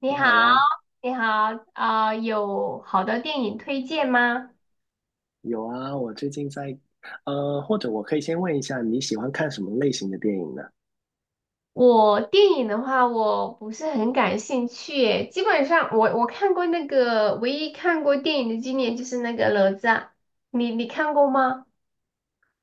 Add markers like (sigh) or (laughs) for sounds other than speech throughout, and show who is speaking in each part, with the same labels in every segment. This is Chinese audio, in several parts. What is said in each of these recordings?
Speaker 1: 你
Speaker 2: 你
Speaker 1: 好，
Speaker 2: 好呀。
Speaker 1: 你好，有好的电影推荐吗？
Speaker 2: 有啊，我最近在，或者我可以先问一下，你喜欢看什么类型的电影呢？
Speaker 1: 我电影的话，我不是很感兴趣耶，基本上我看过那个，唯一看过电影的经典就是那个哪吒。你看过吗？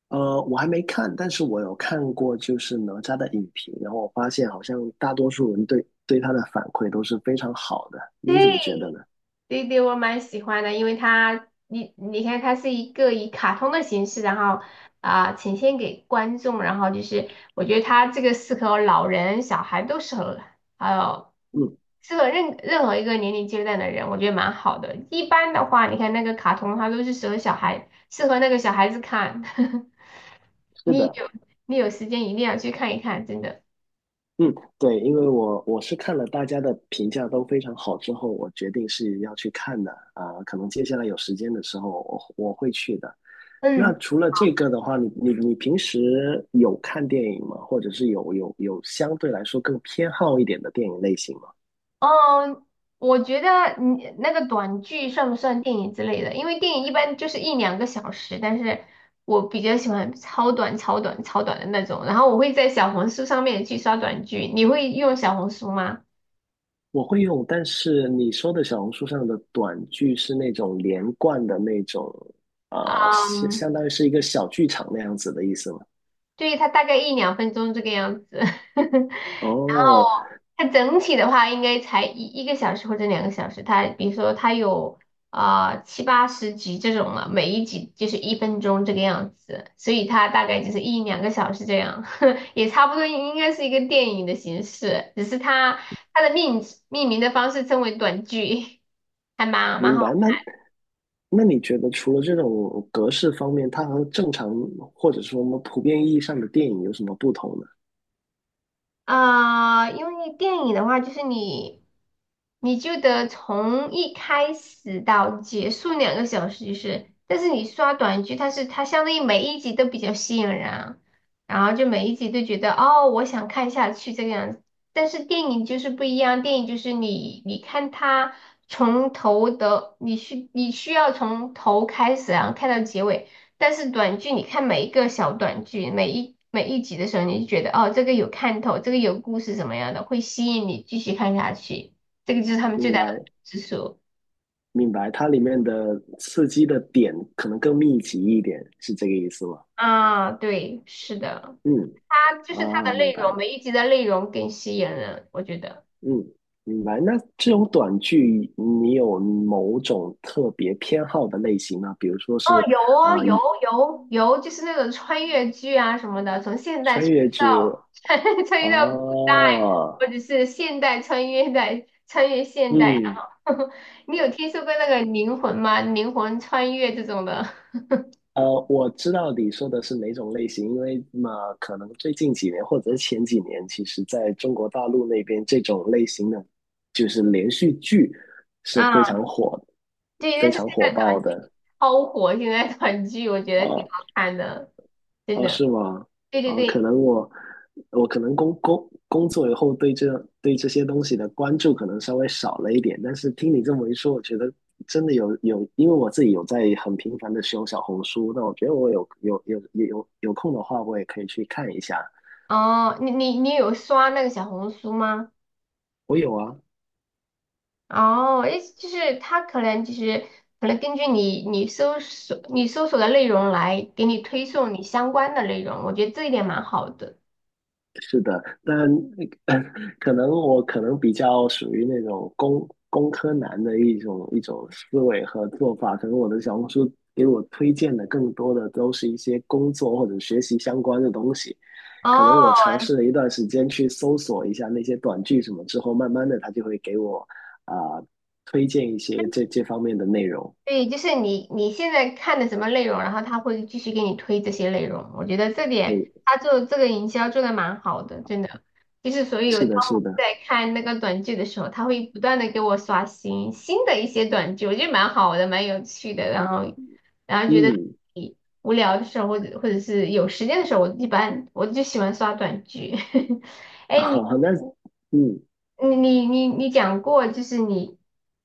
Speaker 2: 我还没看，但是我有看过就是哪吒的影评，然后我发现好像大多数人对他的反馈都是非常好的，
Speaker 1: 对，
Speaker 2: 你怎么觉得呢？
Speaker 1: 对对，我蛮喜欢的。因为它，你看，它是一个以卡通的形式，然后呈现给观众。然后就是我觉得它这个适合老人、小孩都适合，还有
Speaker 2: 嗯，
Speaker 1: 适合任何一个年龄阶段的人，我觉得蛮好的。一般的话，你看那个卡通，它都是适合小孩，适合那个小孩子看。(laughs)
Speaker 2: 是
Speaker 1: 你
Speaker 2: 的。
Speaker 1: 有你有时间一定要去看一看，真的。
Speaker 2: 嗯，对，因为我是看了大家的评价都非常好之后，我决定是要去看的，可能接下来有时间的时候我会去的。那
Speaker 1: 嗯。
Speaker 2: 除了这个的话，你平时有看电影吗？或者是有相对来说更偏好一点的电影类型吗？
Speaker 1: 嗯，我觉得你那个短剧算不算电影之类的？因为电影一般就是一两个小时，但是我比较喜欢超短、超短、超短的那种。然后我会在小红书上面去刷短剧，你会用小红书吗？
Speaker 2: 我会用，但是你说的小红书上的短剧是那种连贯的那种，呃，相
Speaker 1: 嗯，
Speaker 2: 相当于是一个小剧场那样子的意思吗？
Speaker 1: 对，它大概一两分钟这个样子。(laughs)
Speaker 2: 哦，
Speaker 1: 它整体的话应该才一个小时或者两个小时。它比如说它有七八十集这种了，每一集就是一分钟这个样子，所以它大概就是一两个小时这样。(laughs) 也差不多应该是一个电影的形式，只是它的命名的方式称为短剧。(laughs) 还蛮
Speaker 2: 明
Speaker 1: 好。
Speaker 2: 白。那你觉得除了这种格式方面，它和正常或者说我们普遍意义上的电影有什么不同呢？
Speaker 1: 因为电影的话，就是你，你就得从一开始到结束两个小时，就是。但是你刷短剧，它是它相当于每一集都比较吸引人啊，然后就每一集都觉得哦，我想看下去这个样子。但是电影就是不一样，电影就是你看它从头的，你需要从头开始，然后看到结尾。但是短剧，你看每一个小短剧，每一集的时候，你就觉得哦，这个有看头，这个有故事怎么样的，会吸引你继续看下去。这个就是他们最
Speaker 2: 明
Speaker 1: 大的不同
Speaker 2: 白。
Speaker 1: 之处。
Speaker 2: 明白，它里面的刺激的点可能更密集一点，是这个意思吗？
Speaker 1: 啊，对，是的。
Speaker 2: 嗯，
Speaker 1: 它就是它
Speaker 2: 啊，
Speaker 1: 的
Speaker 2: 明
Speaker 1: 内
Speaker 2: 白。
Speaker 1: 容，每一集的内容更吸引人，我觉得。
Speaker 2: 嗯，明白。那这种短剧，你有某种特别偏好的类型吗？比如说是
Speaker 1: 有啊，
Speaker 2: 啊、呃
Speaker 1: 有，就是那种穿越剧啊什么的，从现代
Speaker 2: 穿
Speaker 1: 穿
Speaker 2: 越
Speaker 1: 越
Speaker 2: 剧。
Speaker 1: 到 (laughs) 穿越到古代，
Speaker 2: 哦，
Speaker 1: 或者是现代穿越在穿越现代啊。
Speaker 2: 嗯
Speaker 1: 然后 (laughs) 你有听说过那个灵魂吗？灵魂穿越这种的
Speaker 2: 呃，我知道你说的是哪种类型，因为嘛，可能最近几年或者是前几年，其实在中国大陆那边，这种类型的就是连续剧是非
Speaker 1: 啊
Speaker 2: 常火、
Speaker 1: (laughs)，对，但
Speaker 2: 非
Speaker 1: 是现
Speaker 2: 常火
Speaker 1: 在
Speaker 2: 爆
Speaker 1: 短剧
Speaker 2: 的。
Speaker 1: 超火，现在短剧我觉得挺
Speaker 2: 呃
Speaker 1: 好看的，真
Speaker 2: 哦，
Speaker 1: 的。
Speaker 2: 是吗？
Speaker 1: 对对
Speaker 2: 啊，可
Speaker 1: 对。
Speaker 2: 能我可能工作以后对这这些东西的关注可能稍微少了一点，但是听你这么一说，我觉得真的有，因为我自己有在很频繁的使用小红书，那我觉得我有空的话，我也可以去看一下。
Speaker 1: 哦，你有刷那个小红书吗？
Speaker 2: 我有啊。
Speaker 1: 哦，意思就是他可能就是根据你搜索的内容来给你推送你相关的内容，我觉得这一点蛮好的。
Speaker 2: 但呃 (laughs) 可能我可能比较属于那种工科男的一种思维和做法，可能我的小红书给我推荐的更多的都是一些工作或者学习相关的东西。可能我
Speaker 1: 哦，
Speaker 2: 尝试了一段时间去搜索一下那些短剧什么之后，慢慢的他就会给我啊、推荐一些这方面的内容。
Speaker 1: 对，就是你现在看的什么内容，然后他会继续给你推这些内容，我觉得这点
Speaker 2: 哎，
Speaker 1: 他做这个营销做的蛮好的，真的。就是所以我
Speaker 2: 是
Speaker 1: 当
Speaker 2: 的，是
Speaker 1: 我
Speaker 2: 的。
Speaker 1: 在看那个短剧的时候，他会不断的给我刷新新的一些短剧，我觉得蛮好的，蛮有趣的，然后。然后觉得。
Speaker 2: 嗯，
Speaker 1: 无聊的时候，或者是有时间的时候，我一般就喜欢刷短剧。(laughs)
Speaker 2: (laughs)
Speaker 1: 哎，你
Speaker 2: 好，那嗯。
Speaker 1: 你你你你讲过，就是你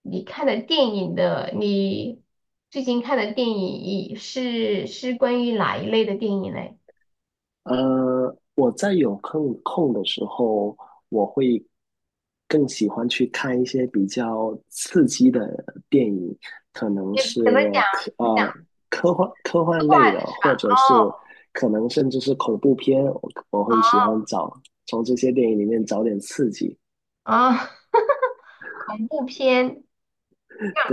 Speaker 1: 你看的电影的，你最近看的电影是关于哪一类的电影嘞？
Speaker 2: 我在有空的时候，我会更喜欢去看一些比较刺激的电影，可能
Speaker 1: 你
Speaker 2: 是
Speaker 1: 怎么讲？
Speaker 2: 科
Speaker 1: 怎么讲？
Speaker 2: 呃科幻类的，或者是
Speaker 1: 哦
Speaker 2: 可能甚至是恐怖片，我会喜
Speaker 1: 哦
Speaker 2: 欢找从这些电影里面找点刺激。
Speaker 1: 哦。(laughs) 恐怖片，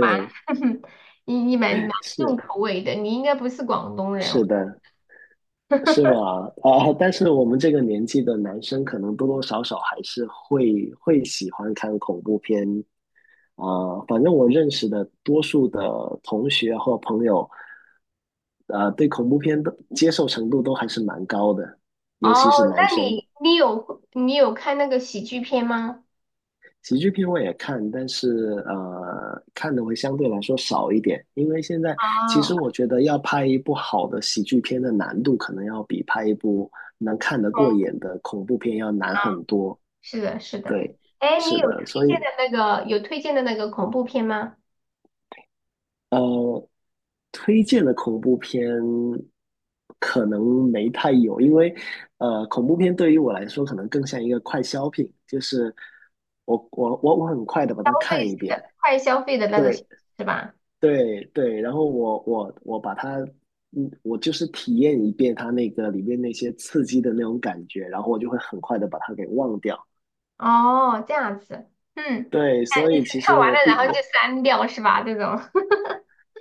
Speaker 1: 蛮 (laughs) 你蛮重口
Speaker 2: 是
Speaker 1: 味的，你应该不是广东人。
Speaker 2: 是的，是吗？但是我们这个年纪的男生，可能多多少少还是会喜欢看恐怖片，反正我认识的多数的同学或朋友，对恐怖片的接受程度都还是蛮高的，
Speaker 1: 哦，
Speaker 2: 尤其是男
Speaker 1: 那
Speaker 2: 生。
Speaker 1: 你有看那个喜剧片吗？
Speaker 2: 喜剧片我也看，但是看的会相对来说少一点，因为现在其实
Speaker 1: 哦，
Speaker 2: 我觉得要拍一部好的喜剧片的难度，可能要比拍一部能看得过
Speaker 1: 懂
Speaker 2: 眼的恐怖片要难
Speaker 1: 了，
Speaker 2: 很多。
Speaker 1: 是的，是的。
Speaker 2: 对，
Speaker 1: 哎，你
Speaker 2: 是
Speaker 1: 有推
Speaker 2: 的，所以
Speaker 1: 荐的那个有推荐的那个恐怖片吗？
Speaker 2: 呃，推荐的恐怖片可能没太有，因为恐怖片对于我来说可能更像一个快消品，就是我很快的把它
Speaker 1: 类
Speaker 2: 看
Speaker 1: 似
Speaker 2: 一遍，
Speaker 1: 的快消费的那种
Speaker 2: 对
Speaker 1: 是吧？
Speaker 2: 对，然后我把它，嗯，我就是体验一遍它那个里面那些刺激的那种感觉，然后我就会很快的把它给忘掉。
Speaker 1: 哦，这样子，嗯。
Speaker 2: 对，所以其
Speaker 1: 看
Speaker 2: 实
Speaker 1: 完
Speaker 2: 我
Speaker 1: 了然
Speaker 2: 并
Speaker 1: 后就
Speaker 2: 我
Speaker 1: 删掉是吧？这种 (laughs)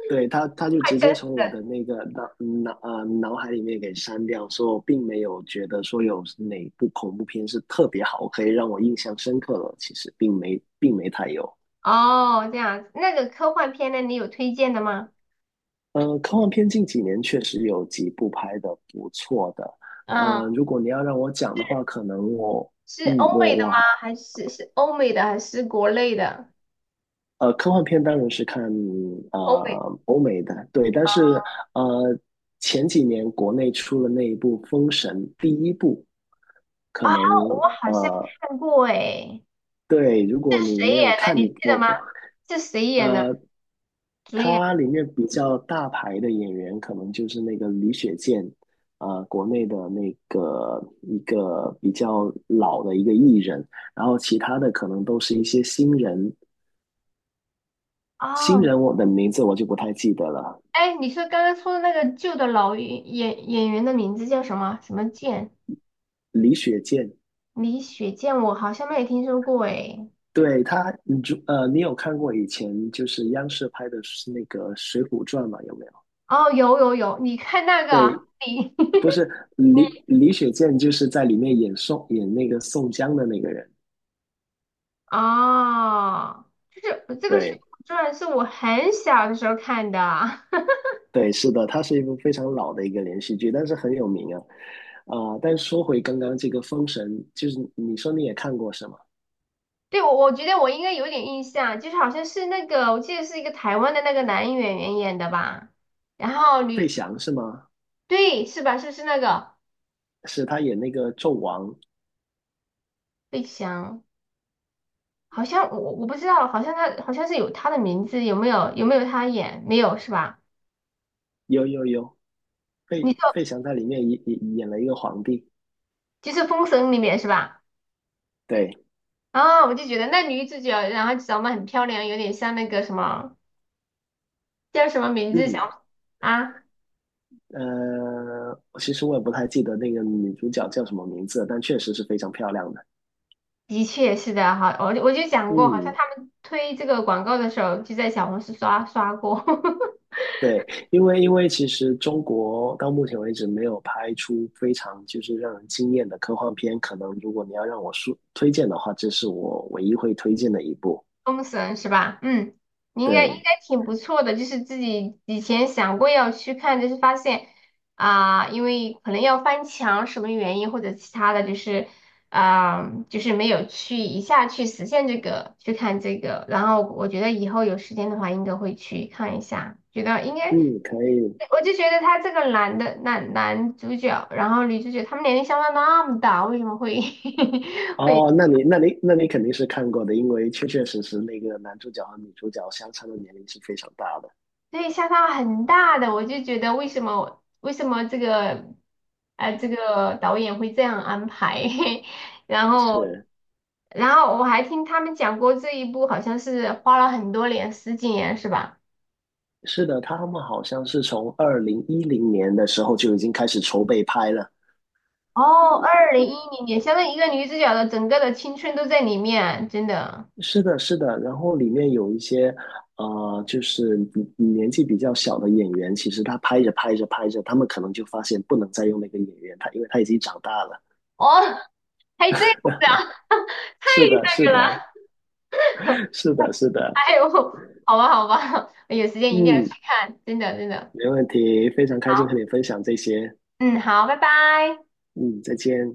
Speaker 2: 对，他就
Speaker 1: 快
Speaker 2: 直
Speaker 1: 消
Speaker 2: 接从
Speaker 1: 费
Speaker 2: 我的
Speaker 1: 的。
Speaker 2: 那个脑海里面给删掉，所以我并没有觉得说有哪部恐怖片是特别好，可以让我印象深刻的，其实并没太有。
Speaker 1: 哦，这样子，那个科幻片呢，你有推荐的吗？
Speaker 2: 科幻片近几年确实有几部拍的不错的。
Speaker 1: 嗯，
Speaker 2: 如果你要让我讲的话，可能我
Speaker 1: 是
Speaker 2: 嗯
Speaker 1: 欧
Speaker 2: 我
Speaker 1: 美的
Speaker 2: 我
Speaker 1: 吗？还是欧美的还是国内的？
Speaker 2: 呃，科幻片当然是看
Speaker 1: 欧美。
Speaker 2: 欧美的，对，但是呃前几年国内出了那一部《封神》第一部，可
Speaker 1: 啊，
Speaker 2: 能
Speaker 1: 我好像
Speaker 2: 呃
Speaker 1: 看过哎。
Speaker 2: 对，如果
Speaker 1: 是
Speaker 2: 你
Speaker 1: 谁
Speaker 2: 没
Speaker 1: 演
Speaker 2: 有
Speaker 1: 的？
Speaker 2: 看
Speaker 1: 你记得吗？是谁演的？
Speaker 2: 呃，
Speaker 1: 主演？
Speaker 2: 它里面比较大牌的演员可能就是那个李雪健。国内的那个一个比较老的一个艺人，然后其他的可能都是一些新人，新
Speaker 1: 哦，
Speaker 2: 人我的名字我就不太记得了。
Speaker 1: 哎，你说刚刚说的那个旧的老演员的名字叫什么？什么剑？
Speaker 2: 李雪健，
Speaker 1: 李雪健，我好像没有听说过哎。
Speaker 2: 对他，你有看过以前就是央视拍的是那个《水浒传》吗？有没有？
Speaker 1: 哦，有有有。你看那个啊，
Speaker 2: 对，
Speaker 1: 你
Speaker 2: 不是
Speaker 1: (laughs) 你
Speaker 2: 李雪健就是在里面演那个宋江的那个人。
Speaker 1: 哦，就是这个《水
Speaker 2: 对
Speaker 1: 浒传》是我很小的时候看的啊。
Speaker 2: 对，是的，它是一部非常老的一个连续剧，但是很有名啊。但是说回刚刚这个《封神》，就是你说你也看过是吗？
Speaker 1: (laughs) 对，我觉得我应该有点印象。就是好像是那个我记得是一个台湾的那个男演员演的吧。然后
Speaker 2: 费
Speaker 1: 女，
Speaker 2: 翔是吗？
Speaker 1: 对，是吧？是不是那个
Speaker 2: 是他演那个纣王。
Speaker 1: 费翔？好像我不知道。好像他好像是有他的名字。有没有他演？没有是吧？
Speaker 2: 有，费
Speaker 1: 你说
Speaker 2: 费翔在里面演了一个皇帝。
Speaker 1: 就是《封神》里面是吧？
Speaker 2: 对，
Speaker 1: 啊，我就觉得那女主角，然后长得很漂亮，有点像那个什么叫什么名字，
Speaker 2: 嗯。
Speaker 1: 想啊？
Speaker 2: 其实我也不太记得那个女主角叫什么名字了，但确实是非常漂亮的。
Speaker 1: 的确是的，哈，我就讲过，好像
Speaker 2: 嗯，
Speaker 1: 他们推这个广告的时候就在小红书刷过。(laughs)
Speaker 2: 对，因为其实中国到目前为止没有拍出非常就是让人惊艳的科幻片，可能如果你要让我说推荐的话，这是我唯一会推荐的一部。
Speaker 1: 封神是吧？嗯。你应该应
Speaker 2: 对。
Speaker 1: 该挺不错的，就是自己以前想过要去看，就是发现因为可能要翻墙什么原因或者其他的。就是就是没有去一下去实现这个去看这个。然后我觉得以后有时间的话应该会去看一下，觉得应该。
Speaker 2: 嗯，可以。
Speaker 1: 我就觉得他这个男的男男主角，然后女主角，他们年龄相差那么大，为什么会 (laughs) 会。
Speaker 2: 哦，那你肯定是看过的，因为确确实实那个男主角和女主角相差的年龄是非常大的。
Speaker 1: 对，相差很大的，我就觉得为什么这个这个导演会这样安排。(laughs) 然后
Speaker 2: 是，
Speaker 1: 然后我还听他们讲过这一部好像是花了很多年，10几年是吧？
Speaker 2: 是的，他们好像是从2010年的时候就已经开始筹备拍了。
Speaker 1: 哦，2010年，相当于一个女主角的整个的青春都在里面，真的。
Speaker 2: 是的，是的，然后里面有一些，就是比年纪比较小的演员，其实他拍着拍着，他们可能就发现不能再用那个演员，他因为他已经长大了。
Speaker 1: 哦，还这样子啊。(laughs) 太
Speaker 2: 是的，是
Speaker 1: 那个了。
Speaker 2: 的，是的，
Speaker 1: (laughs)
Speaker 2: 是的。
Speaker 1: 哎呦，好吧好吧。(laughs) 有时间一定要去
Speaker 2: 嗯，
Speaker 1: 看，真的真的。
Speaker 2: 没问题，非常开心和你分享这些。
Speaker 1: 嗯，好，拜拜。
Speaker 2: 嗯，再见。